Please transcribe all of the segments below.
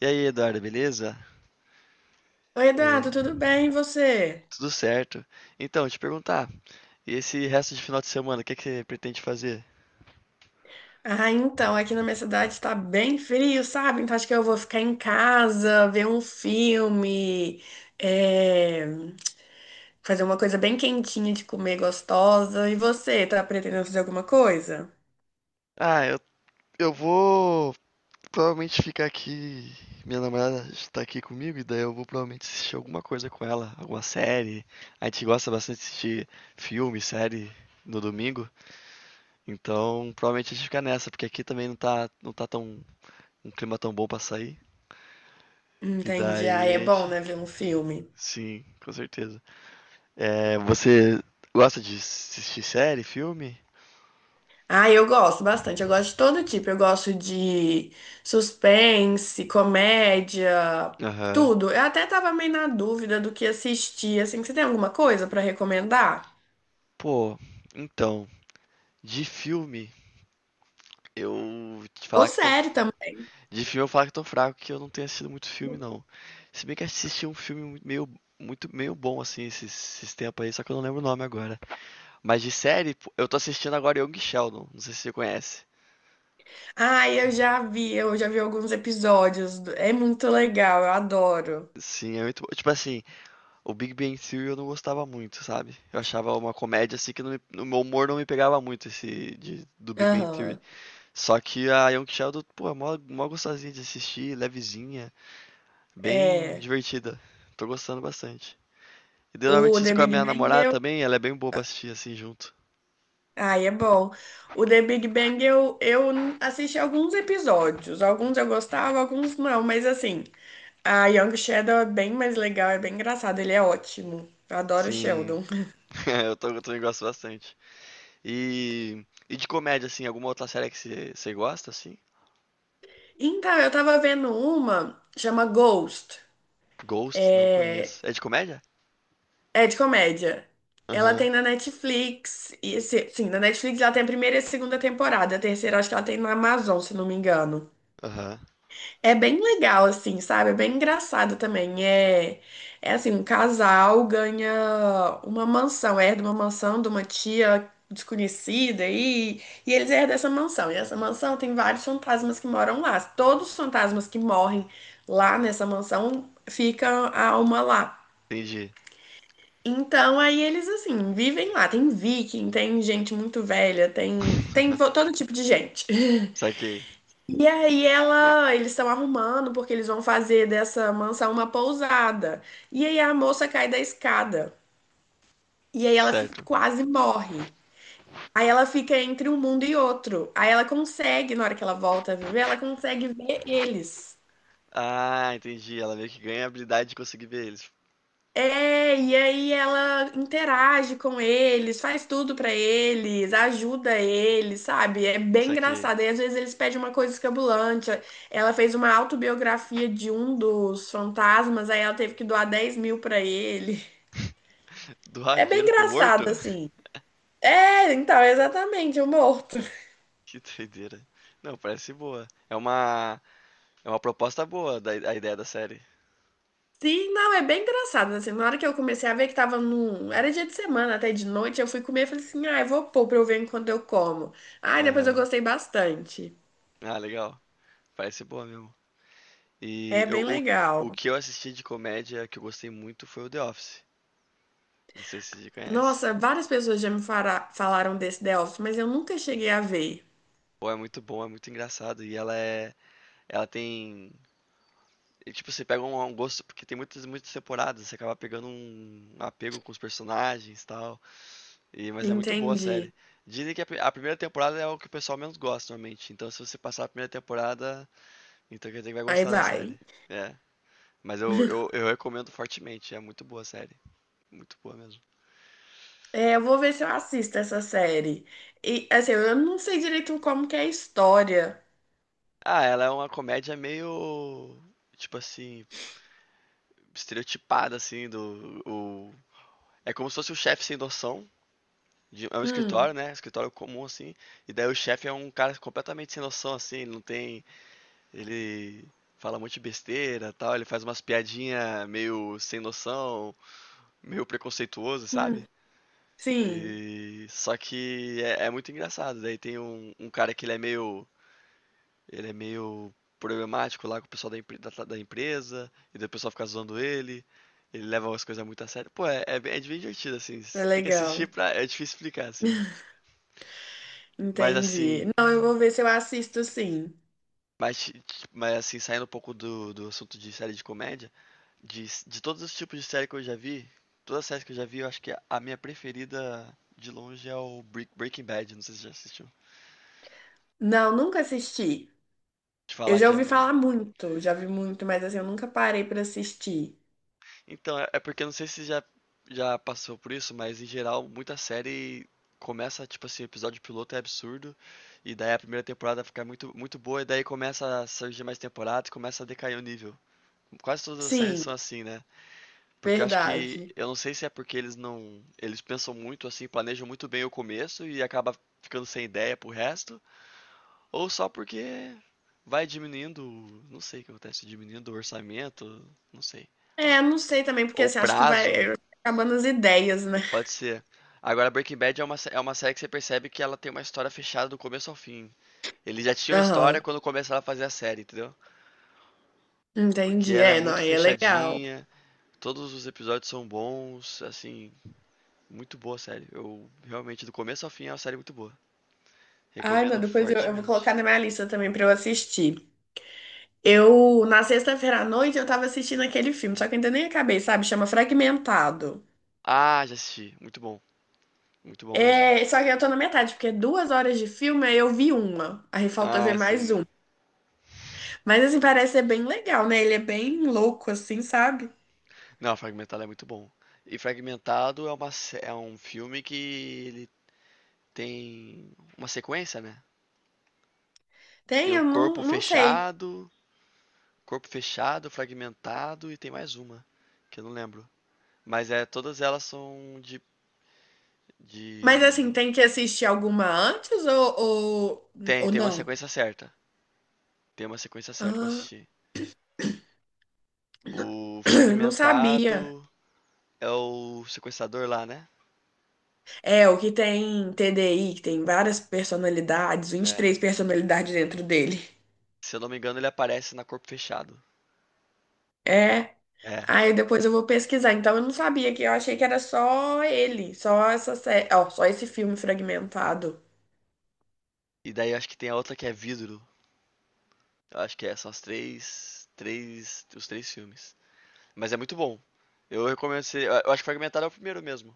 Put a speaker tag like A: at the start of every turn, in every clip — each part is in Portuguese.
A: E aí, Eduardo, beleza?
B: Oi, Eduardo,
A: É,
B: tudo bem? E você?
A: tudo certo. Então, te perguntar, e esse resto de final de semana, o que é que você pretende fazer?
B: Ah, então, aqui na minha cidade tá bem frio, sabe? Então acho que eu vou ficar em casa, ver um filme, é, fazer uma coisa bem quentinha de comer, gostosa. E você, tá pretendendo fazer alguma coisa?
A: Ah, eu vou provavelmente ficar aqui. Minha namorada está aqui comigo, e daí eu vou provavelmente assistir alguma coisa com ela, alguma série. A gente gosta bastante de assistir filme, série no domingo, então provavelmente a gente fica nessa, porque aqui também não tá tão, um clima tão bom pra sair. E
B: Entendi. Ah,
A: daí
B: é
A: a
B: bom,
A: gente.
B: né, ver um filme.
A: Sim, com certeza. É, você gosta de assistir série, filme?
B: Ah, eu gosto bastante, eu gosto de todo tipo. Eu gosto de suspense, comédia,
A: Aham.
B: tudo. Eu até tava meio na dúvida do que assistir, assim, você tem alguma coisa pra recomendar?
A: Pô, então, de filme, eu te
B: Ou
A: falar que eu tô.
B: série
A: F-
B: também.
A: De filme eu falar que eu tô fraco, que eu não tenho assistido muito filme, não. Se bem que eu assisti um filme muito meio bom, assim, esses tempos aí, só que eu não lembro o nome agora. Mas de série, pô, eu tô assistindo agora Young Sheldon, não sei se você conhece.
B: Ai, eu já vi alguns episódios. É muito legal, eu adoro.
A: Sim. Tipo assim, o Big Bang Theory eu não gostava muito, sabe? Eu achava uma comédia assim que no meu humor não me pegava muito esse do Big Bang Theory.
B: Aham.
A: Só que a Young Sheldon, pô, é mó gostosinha de assistir, levezinha, bem
B: É.
A: divertida. Tô gostando bastante. E daí, normalmente
B: O
A: assisto
B: The
A: com a
B: Big
A: minha
B: Bang
A: namorada
B: eu.
A: também, ela é bem boa pra assistir assim junto.
B: Ai, é bom. O The Big Bang eu assisti alguns episódios. Alguns eu gostava, alguns não. Mas assim, a Young Sheldon é bem mais legal, é bem engraçado. Ele é ótimo. Eu adoro o
A: Sim,
B: Sheldon.
A: eu também gosto bastante. E de comédia, assim, alguma outra série que você gosta, assim?
B: Então, eu tava vendo uma, chama Ghost.
A: Ghost, não
B: É,
A: conheço. É de comédia?
B: é de comédia. Ela
A: Aham,
B: tem na Netflix. E, sim, na Netflix ela tem a primeira e a segunda temporada. A terceira acho que ela tem na Amazon, se não me engano.
A: aham,
B: É bem legal, assim, sabe? É bem engraçado também. É, é assim, um casal ganha uma mansão, herda uma mansão de uma tia desconhecida e eles herdam essa mansão. E essa mansão tem vários fantasmas que moram lá. Todos os fantasmas que morrem lá nessa mansão ficam a uma lá.
A: entendi.
B: Então, aí eles, assim, vivem lá. Tem viking, tem gente muito velha, todo tipo de gente.
A: Saquei,
B: E aí ela, eles estão arrumando porque eles vão fazer dessa mansão uma pousada. E aí a moça cai da escada. E aí ela
A: certo.
B: quase morre. Aí ela fica entre um mundo e outro. Aí ela consegue, na hora que ela volta a viver, ela consegue ver eles.
A: Ah, entendi. Ela meio que ganha a habilidade de conseguir ver eles.
B: É, e aí ela interage com eles, faz tudo pra eles, ajuda eles, sabe? É bem
A: Saquei.
B: engraçado. E às vezes eles pedem uma coisa escabulante. Ela fez uma autobiografia de um dos fantasmas, aí ela teve que doar 10 mil pra ele.
A: Doar
B: É bem
A: dinheiro pro
B: engraçado,
A: morto?
B: assim. É, então, exatamente, o morto.
A: Que doideira. Não, parece boa. É uma proposta boa da, a ideia da série.
B: Sim, não, é bem engraçado, assim, na hora que eu comecei a ver que tava num... Era dia de semana, até de noite, eu fui comer e falei assim, ah, eu vou pôr pra eu ver enquanto eu como. Ah, depois eu
A: Aham.
B: gostei bastante.
A: Ah, legal. Parece boa mesmo. E
B: É
A: eu,
B: bem
A: o, o
B: legal.
A: que eu assisti de comédia que eu gostei muito foi o The Office. Não sei se você conhece.
B: Nossa, várias pessoas já falaram desse The Office, mas eu nunca cheguei a ver.
A: Pô, é muito bom, é muito engraçado. E ela é. Ela tem. E, tipo, você pega um gosto, porque tem muitas temporadas, você acaba pegando um apego com os personagens e tal. E, mas é muito boa a
B: Entendi.
A: série. Dizem que a primeira temporada é o que o pessoal menos gosta normalmente. Então, se você passar a primeira temporada, então quer dizer que vai
B: Aí
A: gostar da
B: vai.
A: série. É. Mas eu recomendo fortemente. É muito boa a série. Muito boa mesmo.
B: É, eu vou ver se eu assisto essa série. E, assim, eu não sei direito como que é a história.
A: Ah, ela é uma comédia meio. Tipo assim. Estereotipada, assim. Do, o... É como se fosse o chefe sem noção. É um escritório,
B: Hum,
A: né? Escritório comum, assim. E daí o chefe é um cara completamente sem noção, assim. Ele não tem. Ele fala um monte de besteira tal. Ele faz umas piadinhas meio sem noção, meio preconceituoso,
B: hum,
A: sabe?
B: sim.
A: E só que é muito engraçado. Daí tem um cara que ele é meio problemático lá com o pessoal da empresa, e daí o pessoal fica zoando ele. Ele leva as coisas muito a sério. Pô, é bem divertido, assim.
B: É
A: Tem que assistir
B: legal.
A: pra. É difícil explicar, assim. Mas
B: Entendi.
A: assim.
B: Não, eu vou ver se eu assisto, sim.
A: Mas assim, saindo um pouco do assunto de série de comédia, de todos os tipos de série que eu já vi, todas as séries que eu já vi, eu acho que a minha preferida de longe é o Breaking Bad. Não sei se você já assistiu.
B: Não, nunca assisti.
A: Te
B: Eu
A: falar
B: já
A: que é
B: ouvi
A: um-
B: falar muito, já vi muito, mas assim, eu nunca parei pra assistir.
A: Então, é porque eu não sei se já já passou por isso, mas em geral, muita série começa, tipo assim, o episódio piloto é absurdo, e daí a primeira temporada fica muito boa, e daí começa a surgir mais temporadas e começa a decair o nível. Quase todas as séries
B: Sim,
A: são assim, né? Porque eu acho que,
B: verdade.
A: eu não sei se é porque eles não, eles pensam muito assim, planejam muito bem o começo e acaba ficando sem ideia pro resto, ou só porque vai diminuindo, não sei o que acontece, diminuindo o orçamento, não sei, o-
B: É, não sei também, porque
A: ou
B: assim, acho que vai
A: prazo.
B: é, acabando as ideias, né?
A: Pode ser. Agora Breaking Bad é uma série que você percebe que ela tem uma história fechada do começo ao fim. Eles já tinham a
B: Aham,
A: história quando começaram a fazer a série, entendeu? Porque
B: entendi.
A: ela é
B: É, não,
A: muito
B: aí é legal.
A: fechadinha, todos os episódios são bons, assim, muito boa a série. Eu realmente, do começo ao fim, é uma série muito boa.
B: Ai, não,
A: Recomendo
B: eu vou
A: fortemente.
B: colocar na minha lista também pra eu assistir. Eu, na sexta-feira à noite, eu tava assistindo aquele filme, só que eu ainda nem acabei, sabe? Chama Fragmentado.
A: Ah, já assisti. Muito bom. Muito bom mesmo.
B: É, só que eu tô na metade, porque é duas horas de filme, aí eu vi uma. Aí falta ver
A: Ah,
B: mais
A: sim.
B: um. Mas assim, parece ser bem legal, né? Ele é bem louco, assim, sabe?
A: Não, Fragmentado é muito bom. E Fragmentado é um filme que ele tem uma sequência, né? Tem
B: Tem,
A: o
B: eu não, não sei.
A: corpo fechado, fragmentado e tem mais uma, que eu não lembro. Mas é, todas elas são
B: Mas
A: de...
B: assim, tem que assistir alguma antes
A: Tem,
B: ou
A: tem uma
B: não?
A: sequência certa. Tem uma sequência certa pra
B: Ah,
A: assistir. O
B: não sabia.
A: fragmentado é o sequestrador lá, né?
B: É, o que tem TDI, que tem várias personalidades, vinte e
A: É.
B: três personalidades dentro dele.
A: Se eu não me engano, ele aparece na corpo fechado.
B: É.
A: É.
B: Aí depois eu vou pesquisar. Então eu não sabia que eu achei que era só ele, só essa série, ó, só esse filme fragmentado.
A: E daí acho que tem a outra que é vidro. Eu acho que é, são as três, os três filmes. Mas é muito bom. Eu recomendo, eu acho que fragmentado é o primeiro mesmo.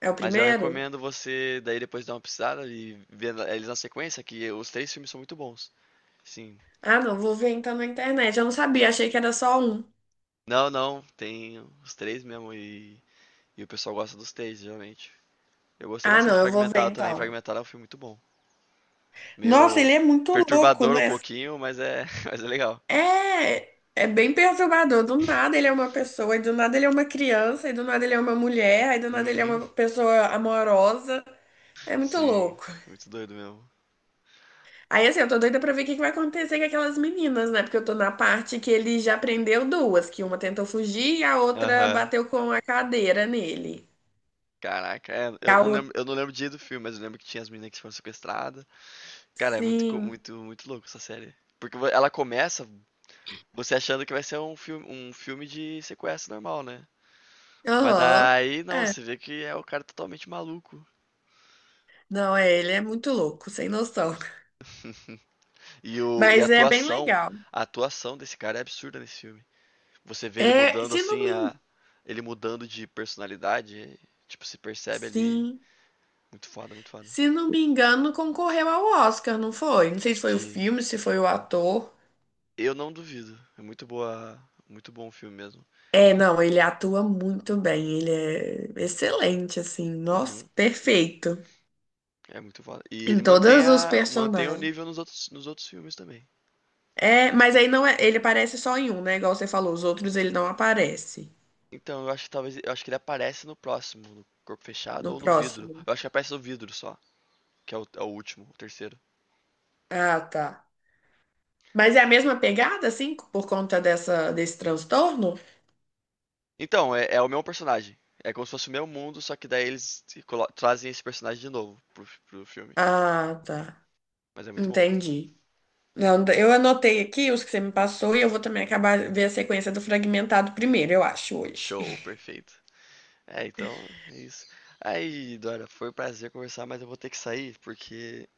B: É o
A: Mas eu
B: primeiro?
A: recomendo você daí depois dar uma pesquisada e ver eles na sequência, que os três filmes são muito bons. Sim.
B: Ah, não, vou ver então na internet. Eu não sabia, achei que era só um.
A: Não, tem os três mesmo e o pessoal gosta dos três, geralmente. Eu gostei
B: Ah,
A: bastante
B: não,
A: de
B: eu vou ver
A: Fragmentado também.
B: então.
A: Fragmentado é um filme muito bom.
B: Nossa,
A: Meio
B: ele é muito louco,
A: perturbador um
B: né?
A: pouquinho, mas é, mas é legal.
B: É, é bem perturbador. Do nada ele é uma pessoa, e do nada ele é uma criança, e do nada ele é uma mulher, e do nada ele é
A: Uhum.
B: uma pessoa amorosa. É muito
A: Sim,
B: louco.
A: muito doido mesmo.
B: Aí assim, eu tô doida pra ver o que que vai acontecer com aquelas meninas, né? Porque eu tô na parte que ele já prendeu duas, que uma tentou fugir e a outra
A: Aham.
B: bateu com a cadeira nele.
A: Caraca, é,
B: E
A: eu
B: a
A: não
B: outra,
A: lembro, eu não lembro o dia do filme, mas eu lembro que tinha as meninas que foram sequestradas. Cara, é muito, co-
B: sim.
A: muito, muito louco essa série. Porque ela começa você achando que vai ser um filme de sequestro normal, né? Mas
B: Aham.
A: daí não,
B: É.
A: você vê que é o cara totalmente maluco.
B: Não, é, ele é muito louco, sem noção.
A: E
B: Mas é bem legal.
A: a atuação desse cara é absurda nesse filme. Você vê ele
B: É,
A: mudando
B: se não
A: assim
B: me
A: a
B: engano,
A: ele mudando de personalidade, tipo, se percebe ali
B: sim.
A: muito foda.
B: Se não me engano, concorreu ao Oscar, não foi? Não sei se foi o
A: De
B: filme, se foi o ator.
A: eu não duvido. É muito boa, muito bom o filme mesmo.
B: É, não, ele atua muito bem, ele é excelente, assim, nossa,
A: Uhum,
B: perfeito
A: é muito foda. E ele
B: em
A: mantém
B: todos os
A: a mantém o
B: personagens.
A: nível nos outros filmes também.
B: É, mas aí não é, ele aparece só em um, né? Igual você falou, os outros ele não aparece
A: Então, eu acho que talvez, eu acho que ele aparece no próximo, no corpo fechado
B: no
A: ou no vidro.
B: próximo.
A: Eu acho que aparece no vidro só, que é o último, o terceiro.
B: Ah, tá. Mas é a mesma pegada, assim, por conta dessa, desse transtorno?
A: Então, é, é o mesmo personagem. É como se fosse o mesmo mundo, só que daí eles se colo- trazem esse personagem de novo pro filme.
B: Ah, tá.
A: Mas é muito bom.
B: Entendi. Não, eu anotei aqui os que você me passou e eu vou também acabar ver a sequência do fragmentado primeiro, eu acho, hoje.
A: Show, perfeito. É, então, é isso. Aí, Dora, foi um prazer conversar, mas eu vou ter que sair porque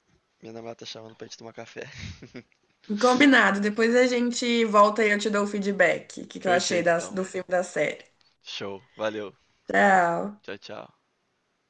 A: minha namorada tá chamando pra gente tomar café.
B: Combinado, depois a gente volta e eu te dou o feedback, o que que eu achei
A: Perfeito, então.
B: do filme da série.
A: Show, valeu.
B: Tchau.
A: Tchau, tchau.